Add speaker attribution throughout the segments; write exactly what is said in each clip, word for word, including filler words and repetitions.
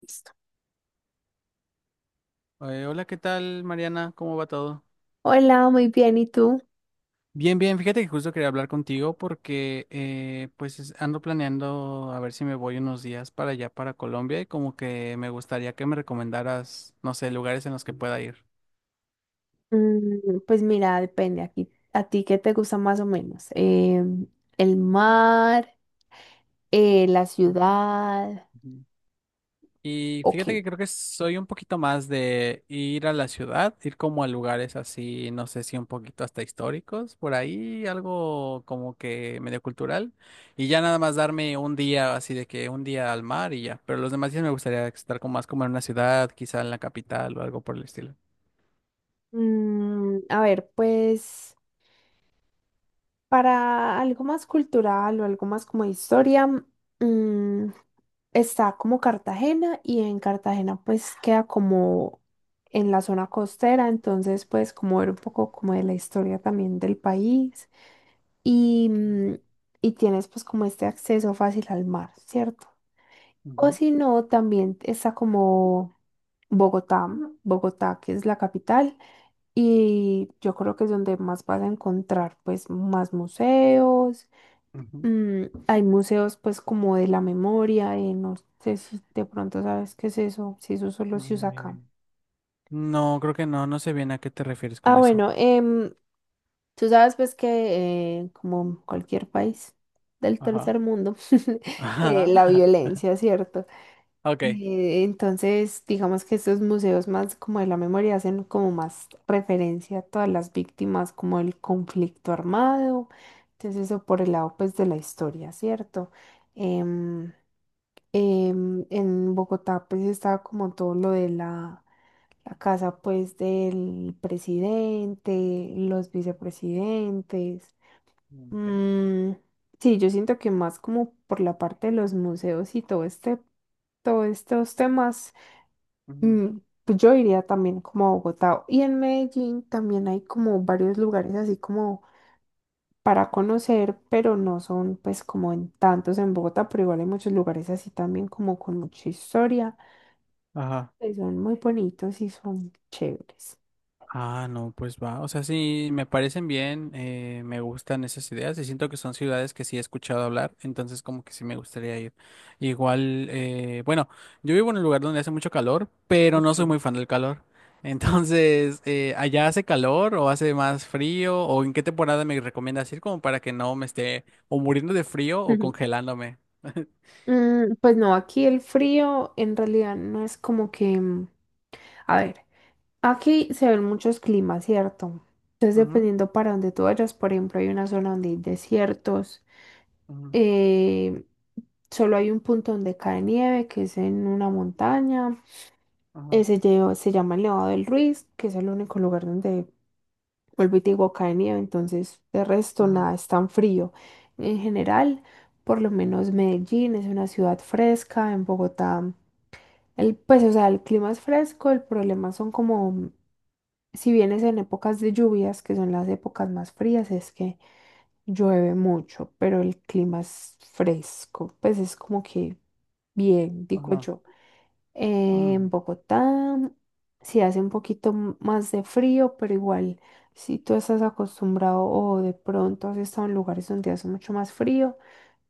Speaker 1: Listo.
Speaker 2: Eh, hola, ¿qué tal, Mariana? ¿Cómo va todo?
Speaker 1: Hola, muy bien, ¿y tú?
Speaker 2: Bien, bien, fíjate que justo quería hablar contigo porque eh, pues es- ando planeando a ver si me voy unos días para allá, para Colombia, y como que me gustaría que me recomendaras, no sé, lugares en los que pueda ir.
Speaker 1: Mm, pues mira, depende aquí. ¿A ti qué te gusta más o menos? Em, ¿el mar? Eh, ¿la
Speaker 2: Ujú,
Speaker 1: ciudad?
Speaker 2: ujú. Y fíjate
Speaker 1: Ok.
Speaker 2: que creo que soy un poquito más de ir a la ciudad, ir como a lugares así, no sé si un poquito hasta históricos, por ahí, algo como que medio cultural, y ya nada más darme un día así de que un día al mar y ya, pero los demás días me gustaría estar como más como en una ciudad, quizá en la capital o algo por el estilo.
Speaker 1: Mm, a ver, pues para algo más cultural o algo más como de historia, mm, está como Cartagena, y en Cartagena pues queda como en la zona costera, entonces pues como ver un poco como de la historia también del país. y, mm, y tienes pues como este acceso fácil al mar, ¿cierto? O
Speaker 2: Ujú,
Speaker 1: si no, también está como Bogotá, Bogotá que es la capital, y yo creo que es donde más vas a encontrar pues más museos.
Speaker 2: ujú.
Speaker 1: mm, Hay museos pues como de la memoria. Eh, no sé si de pronto sabes qué es eso, si eso solo se
Speaker 2: mm,
Speaker 1: usa acá.
Speaker 2: eh, No, creo que no, no sé bien a qué te refieres
Speaker 1: Ah,
Speaker 2: con eso.
Speaker 1: bueno. em, Tú sabes pues que eh, como cualquier país del
Speaker 2: Ajá.
Speaker 1: tercer mundo, eh,
Speaker 2: Ajá.
Speaker 1: la violencia, ¿cierto?
Speaker 2: Ok.
Speaker 1: Eh, entonces, digamos que estos museos más como de la memoria hacen como más referencia a todas las víctimas, como el conflicto armado. Entonces, eso por el lado pues de la historia, ¿cierto? Em, em, en Bogotá pues estaba como todo lo de la la casa pues del presidente, los vicepresidentes.
Speaker 2: Mm, ok.
Speaker 1: Mm, sí, yo siento que más como por la parte de los museos y todo este, todos estos temas.
Speaker 2: Ujú.
Speaker 1: mm, pues yo iría también como a Bogotá. Y en Medellín también hay como varios lugares así como para conocer, pero no son pues como en tantos en Bogotá, pero igual hay muchos lugares así también como con mucha historia,
Speaker 2: Ajá.
Speaker 1: que son muy bonitos y son chéveres.
Speaker 2: Ah, no, pues va. O sea, sí, me parecen bien, eh, me gustan esas ideas y siento que son ciudades que sí he escuchado hablar, entonces como que sí me gustaría ir. Igual, eh, bueno, yo vivo en un lugar donde hace mucho calor, pero no
Speaker 1: Ok.
Speaker 2: soy muy fan del calor. Entonces, eh, ¿allá hace calor o hace más frío? ¿O en qué temporada me recomiendas ir como para que no me esté o muriendo de frío o
Speaker 1: Ujú.
Speaker 2: congelándome?
Speaker 1: Mm, pues no, aquí el frío en realidad no es como que, mm, a ver. Aquí se ven muchos climas, ¿cierto? Entonces,
Speaker 2: Ujú,
Speaker 1: dependiendo para donde tú vayas, por ejemplo, hay una zona donde hay desiertos.
Speaker 2: ujú,
Speaker 1: eh, Solo hay un punto donde cae nieve, que es en una montaña,
Speaker 2: ajá,
Speaker 1: ese lle- se llama el Nevado del Ruiz, que es el único lugar donde, vuelvo y te digo, cae nieve, entonces, de resto,
Speaker 2: ajá,
Speaker 1: nada, es tan frío. En general, por lo menos Medellín es una ciudad fresca. En Bogotá, el, pues, o sea, el clima es fresco, el problema son como si vienes en épocas de lluvias, que son las épocas más frías, es que llueve mucho, pero el clima es fresco, pues es como que bien, digo
Speaker 2: ajá,
Speaker 1: yo. En
Speaker 2: mm,
Speaker 1: Bogotá sí hace un poquito m- más de frío, pero igual si tú estás acostumbrado o de pronto has estado en lugares donde hace mucho más frío,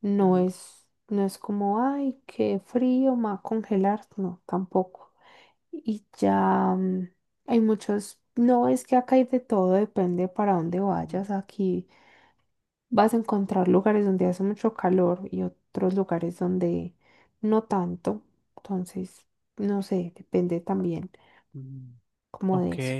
Speaker 1: no
Speaker 2: ujú,
Speaker 1: es, no es como, ay, qué frío, me va a congelar, no, tampoco. Y ya mm, hay muchos, no es que acá hay de todo, depende para dónde
Speaker 2: ujú,
Speaker 1: vayas. Aquí vas a encontrar lugares donde hace mucho calor y otros lugares donde no tanto. Entonces, no sé, depende también
Speaker 2: mm.
Speaker 1: como de
Speaker 2: Ok.
Speaker 1: eso.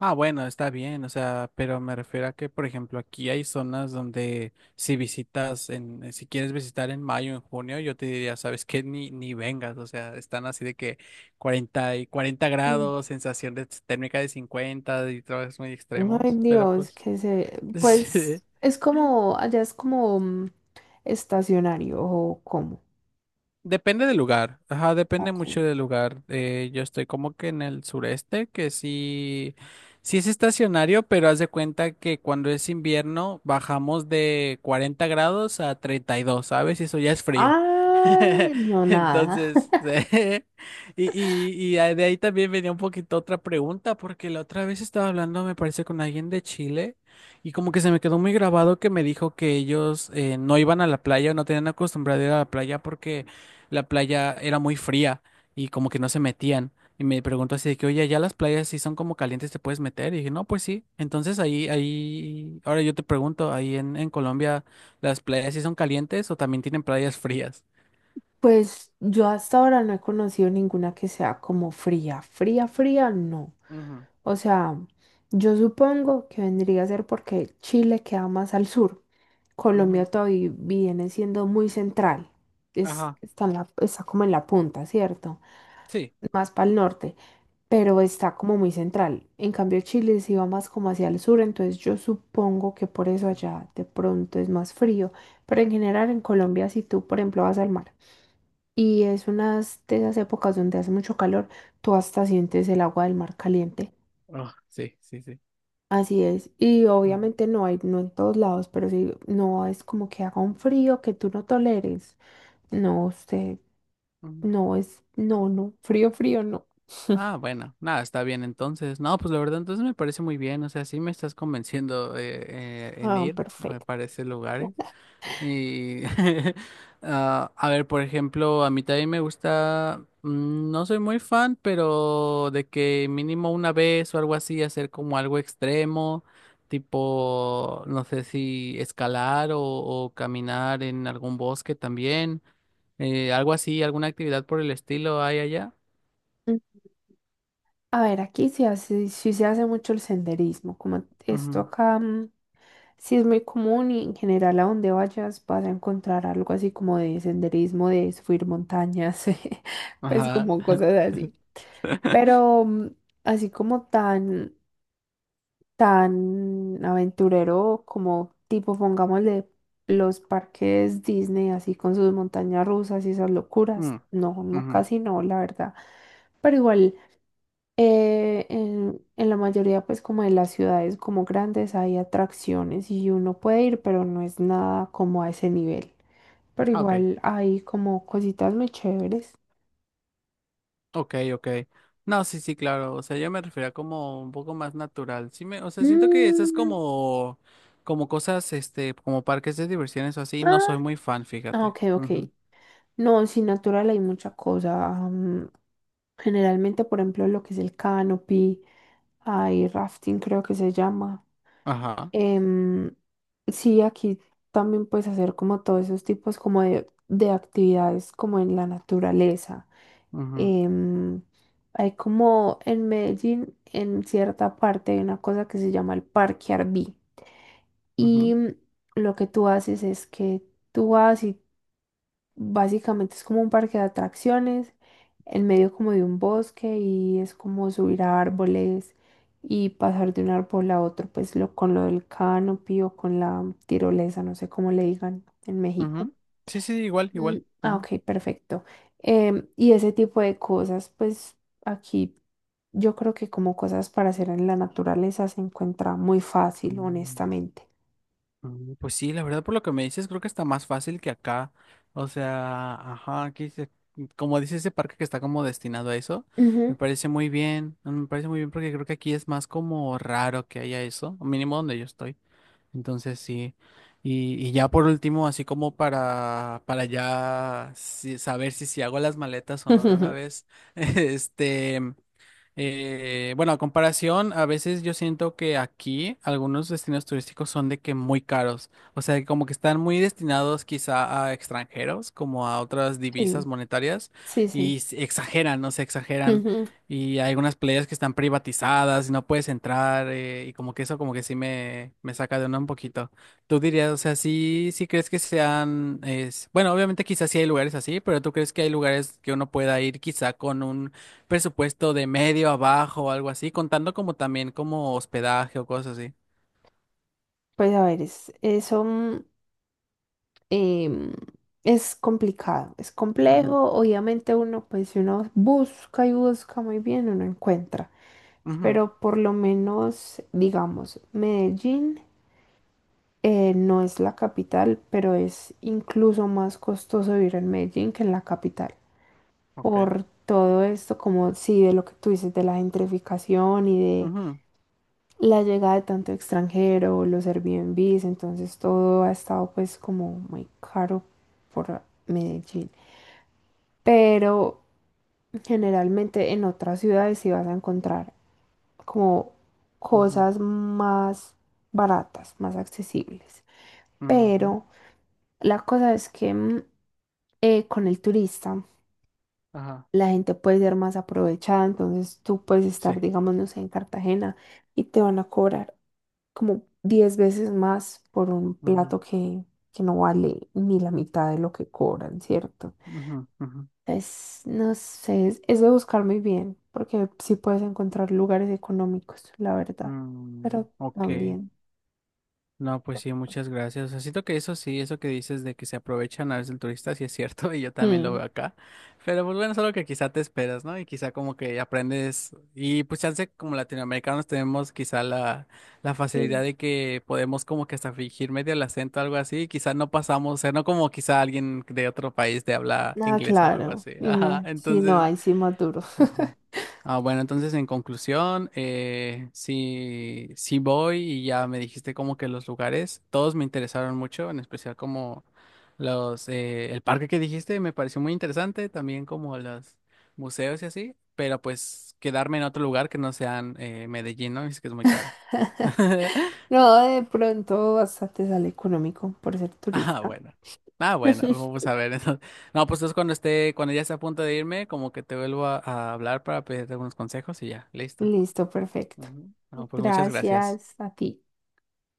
Speaker 2: Ah, bueno, está bien, o sea, pero me refiero a que, por ejemplo, aquí hay zonas donde si visitas en, eh, si quieres visitar en mayo, en junio, yo te diría, sabes que ni, ni vengas, o sea, están así de que cuarenta y cuarenta
Speaker 1: Mm.
Speaker 2: grados, sensación de térmica de cincuenta, y trabajos muy
Speaker 1: Ay,
Speaker 2: extremos, pero
Speaker 1: Dios,
Speaker 2: pues,
Speaker 1: que se,
Speaker 2: sí.
Speaker 1: pues es como, allá es como mm, estacionario o como.
Speaker 2: Depende del lugar, ajá, depende
Speaker 1: Ok.
Speaker 2: mucho del lugar. Eh, yo estoy como que en el sureste, que sí, sí es estacionario, pero haz de cuenta que cuando es invierno bajamos de cuarenta grados a treinta y dos, ¿sabes? Y eso ya es frío.
Speaker 1: Ah, no, nada.
Speaker 2: Entonces, y, y, y a- de ahí también venía un poquito otra pregunta, porque la otra vez estaba hablando, me parece, con alguien de Chile, y como que se me quedó muy grabado que me dijo que ellos eh, no iban a la playa o no tenían acostumbrado a ir a la playa porque la playa era muy fría y como que no se metían. Y me preguntó así de que, oye, ya las playas si son como calientes, ¿te puedes meter? Y dije, no, pues sí. Entonces ahí, ahí, ahora yo te pregunto, ahí en, en Colombia, ¿las playas si son calientes o también tienen playas frías?
Speaker 1: Pues yo hasta ahora no he conocido ninguna que sea como fría, fría, fría, no.
Speaker 2: Ujú,
Speaker 1: O sea, yo supongo que vendría a ser porque Chile queda más al sur. Colombia
Speaker 2: ujú,
Speaker 1: todavía viene siendo muy central. Es,
Speaker 2: ajá,
Speaker 1: está, en la- está como en la punta, ¿cierto?
Speaker 2: sí.
Speaker 1: Más para el norte, pero está como muy central. En cambio, Chile sí va más como hacia el sur, entonces yo supongo que por eso
Speaker 2: Mm.
Speaker 1: allá de pronto es más frío. Pero en general en Colombia, si tú, por ejemplo, vas al mar, y es unas de esas épocas donde hace mucho calor, tú hasta sientes el agua del mar caliente.
Speaker 2: Oh, sí, sí, sí.
Speaker 1: Así es. Y
Speaker 2: Ujú,
Speaker 1: obviamente no hay, no en todos lados, pero sí, no es como que haga un frío que tú no toleres. No, usted,
Speaker 2: ujú.
Speaker 1: no es, no, no, frío, frío, no.
Speaker 2: Ah, bueno, nada, está bien entonces. No, pues la verdad, entonces me parece muy bien. O sea, sí me estás convenciendo eh, eh, en
Speaker 1: Ah,
Speaker 2: ir, me
Speaker 1: perfecto.
Speaker 2: parece lugares. Y, ah, a ver, por ejemplo, a mí también me gusta, mm, no soy muy fan, pero de que mínimo una vez o algo así, hacer como algo extremo, tipo, no sé si escalar o, o caminar en algún bosque también, eh, algo así, alguna actividad por el estilo hay allá.
Speaker 1: A ver, aquí se hace, sí se hace mucho el senderismo, como esto
Speaker 2: Ujú.
Speaker 1: acá. Mm, sí es muy común, y en general a donde vayas vas a encontrar algo así como de senderismo, de subir montañas, pues
Speaker 2: Ajá.
Speaker 1: como cosas así. Pero mm, así como tan, tan aventurero, como tipo, pongámosle, los parques Disney, así con sus montañas rusas y esas locuras.
Speaker 2: Mm,
Speaker 1: No, no,
Speaker 2: ujú.
Speaker 1: casi no, la verdad. Pero igual. Eh, en, en la mayoría, pues como de las ciudades como grandes hay atracciones y uno puede ir, pero no es nada como a ese nivel. Pero
Speaker 2: Ah, ok.
Speaker 1: igual hay como cositas muy chéveres.
Speaker 2: Ok, ok. No, sí, sí, claro. O sea, yo me refería como un poco más natural. Sí me, o sea, siento que esas
Speaker 1: Mm,
Speaker 2: como, como cosas, este, como parques de diversiones o así, no
Speaker 1: ah,
Speaker 2: soy muy fan,
Speaker 1: ah,
Speaker 2: fíjate.
Speaker 1: ok, ok.
Speaker 2: Ujú.
Speaker 1: No, sin natural hay mucha cosa. Mm, generalmente, por ejemplo, lo que es el canopy, hay rafting creo que se llama.
Speaker 2: Ajá.
Speaker 1: Em, sí, aquí también puedes hacer como todos esos tipos como de, de actividades como en la naturaleza.
Speaker 2: Ujú,
Speaker 1: Em, Hay como en Medellín, en cierta parte, hay una cosa que se llama el Parque Arví. Y
Speaker 2: ujú,
Speaker 1: mm, lo que tú haces es que tú vas. Básicamente es como un parque de atracciones, en medio como de un bosque, y es como subir a árboles y pasar de un árbol a otro, pues lo, con lo del canopy o con la tirolesa, no sé cómo le digan en México.
Speaker 2: ujú. Sí, sí, igual,
Speaker 1: Mm,
Speaker 2: igual.
Speaker 1: ah,
Speaker 2: Ujú.
Speaker 1: ok, perfecto. Em, y ese tipo de cosas, pues aquí yo creo que como cosas para hacer en la naturaleza se encuentra muy fácil,
Speaker 2: Mm.
Speaker 1: honestamente.
Speaker 2: Mm, pues sí, la verdad por lo que me dices, creo que está más fácil que acá. O sea, ajá, aquí se- como dice ese parque que está como destinado a eso,
Speaker 1: Ujú.
Speaker 2: me parece muy bien, mm, me parece muy bien porque creo que aquí es más como raro que haya eso, o mínimo donde yo estoy. Entonces sí. Y, y ya por último, así como para, para, ya si- saber si, si hago las maletas o no de una vez, este, eh, bueno, a comparación, a veces yo siento que aquí algunos destinos turísticos son de que muy caros, o sea, como que están muy destinados quizá a extranjeros, como a otras
Speaker 1: Sí,
Speaker 2: divisas monetarias,
Speaker 1: sí, sí.
Speaker 2: y se exageran, no se exageran.
Speaker 1: Ujú.
Speaker 2: Y hay algunas playas que están privatizadas y no puedes entrar eh, y como que eso como que sí me, me saca de onda un poquito. ¿Tú dirías, o sea, sí, sí crees que sean, es, bueno, obviamente quizás sí hay lugares así, pero ¿tú crees que hay lugares que uno pueda ir quizá con un presupuesto de medio abajo o algo así, contando como también como hospedaje o cosas así?
Speaker 1: Pues a ver, es, eso. em, es complicado, es
Speaker 2: Ujú,
Speaker 1: complejo. Obviamente uno, pues si uno busca y busca muy bien, uno encuentra.
Speaker 2: ujú,
Speaker 1: Pero por lo menos, digamos, Medellín eh, no es la capital, pero es incluso más costoso vivir en Medellín que en la capital.
Speaker 2: ok,
Speaker 1: Por todo esto, como sí, de lo que tú dices, de la gentrificación y de
Speaker 2: ujú,
Speaker 1: la llegada de tanto extranjero, los Airbnbs, entonces todo ha estado pues como muy caro por Medellín. Pero generalmente en otras ciudades sí vas a encontrar como
Speaker 2: ujú,
Speaker 1: cosas más baratas, más accesibles.
Speaker 2: ujú,
Speaker 1: Pero la cosa es que mm, eh, con el turista
Speaker 2: ajá,
Speaker 1: la gente puede ser más aprovechada, entonces tú puedes
Speaker 2: sí.
Speaker 1: estar, digamos, no sé, en Cartagena, y te van a cobrar como diez veces más por un
Speaker 2: Ujú,
Speaker 1: plato que, que no vale ni la mitad de lo que cobran, ¿cierto?
Speaker 2: ujú, ujú,
Speaker 1: Es, no sé, es, es de buscar muy bien, porque sí puedes encontrar lugares económicos, la verdad,
Speaker 2: mm,
Speaker 1: pero
Speaker 2: ok.
Speaker 1: también
Speaker 2: No, pues sí,
Speaker 1: costosos.
Speaker 2: muchas gracias. O sea, siento que eso sí, eso que dices de que se aprovechan a veces el turista, sí es cierto, y yo también lo
Speaker 1: Mm,
Speaker 2: veo acá. Pero pues bueno, es algo que quizá te esperas, ¿no? Y quizá como que aprendes, y pues chance como latinoamericanos tenemos quizá la, la, facilidad
Speaker 1: sí.
Speaker 2: de que podemos como que hasta fingir medio el acento, algo así, y quizá no pasamos, o sea, no como quizá alguien de otro país de habla
Speaker 1: Ah,
Speaker 2: inglesa o algo
Speaker 1: claro,
Speaker 2: así.
Speaker 1: y
Speaker 2: Ajá,
Speaker 1: más, si no
Speaker 2: entonces...
Speaker 1: hay, sí más duro.
Speaker 2: Ujú. Ah, bueno, entonces en conclusión, eh, sí, sí voy y ya me dijiste como que los lugares, todos me interesaron mucho, en especial como los, eh, el parque que dijiste me pareció muy interesante, también como los museos y así, pero pues quedarme en otro lugar que no sean eh, Medellín, ¿no? Es que es muy caro.
Speaker 1: No, de pronto hasta te sale económico por ser
Speaker 2: Ah,
Speaker 1: turista.
Speaker 2: bueno. Ah, bueno, vamos a ver, entonces. No, pues entonces cuando esté, cuando ya esté a punto de irme, como que te vuelvo a, a, hablar para pedirte algunos consejos y ya, listo.
Speaker 1: Listo, perfecto.
Speaker 2: Ujú. No, pues muchas gracias.
Speaker 1: Gracias a ti.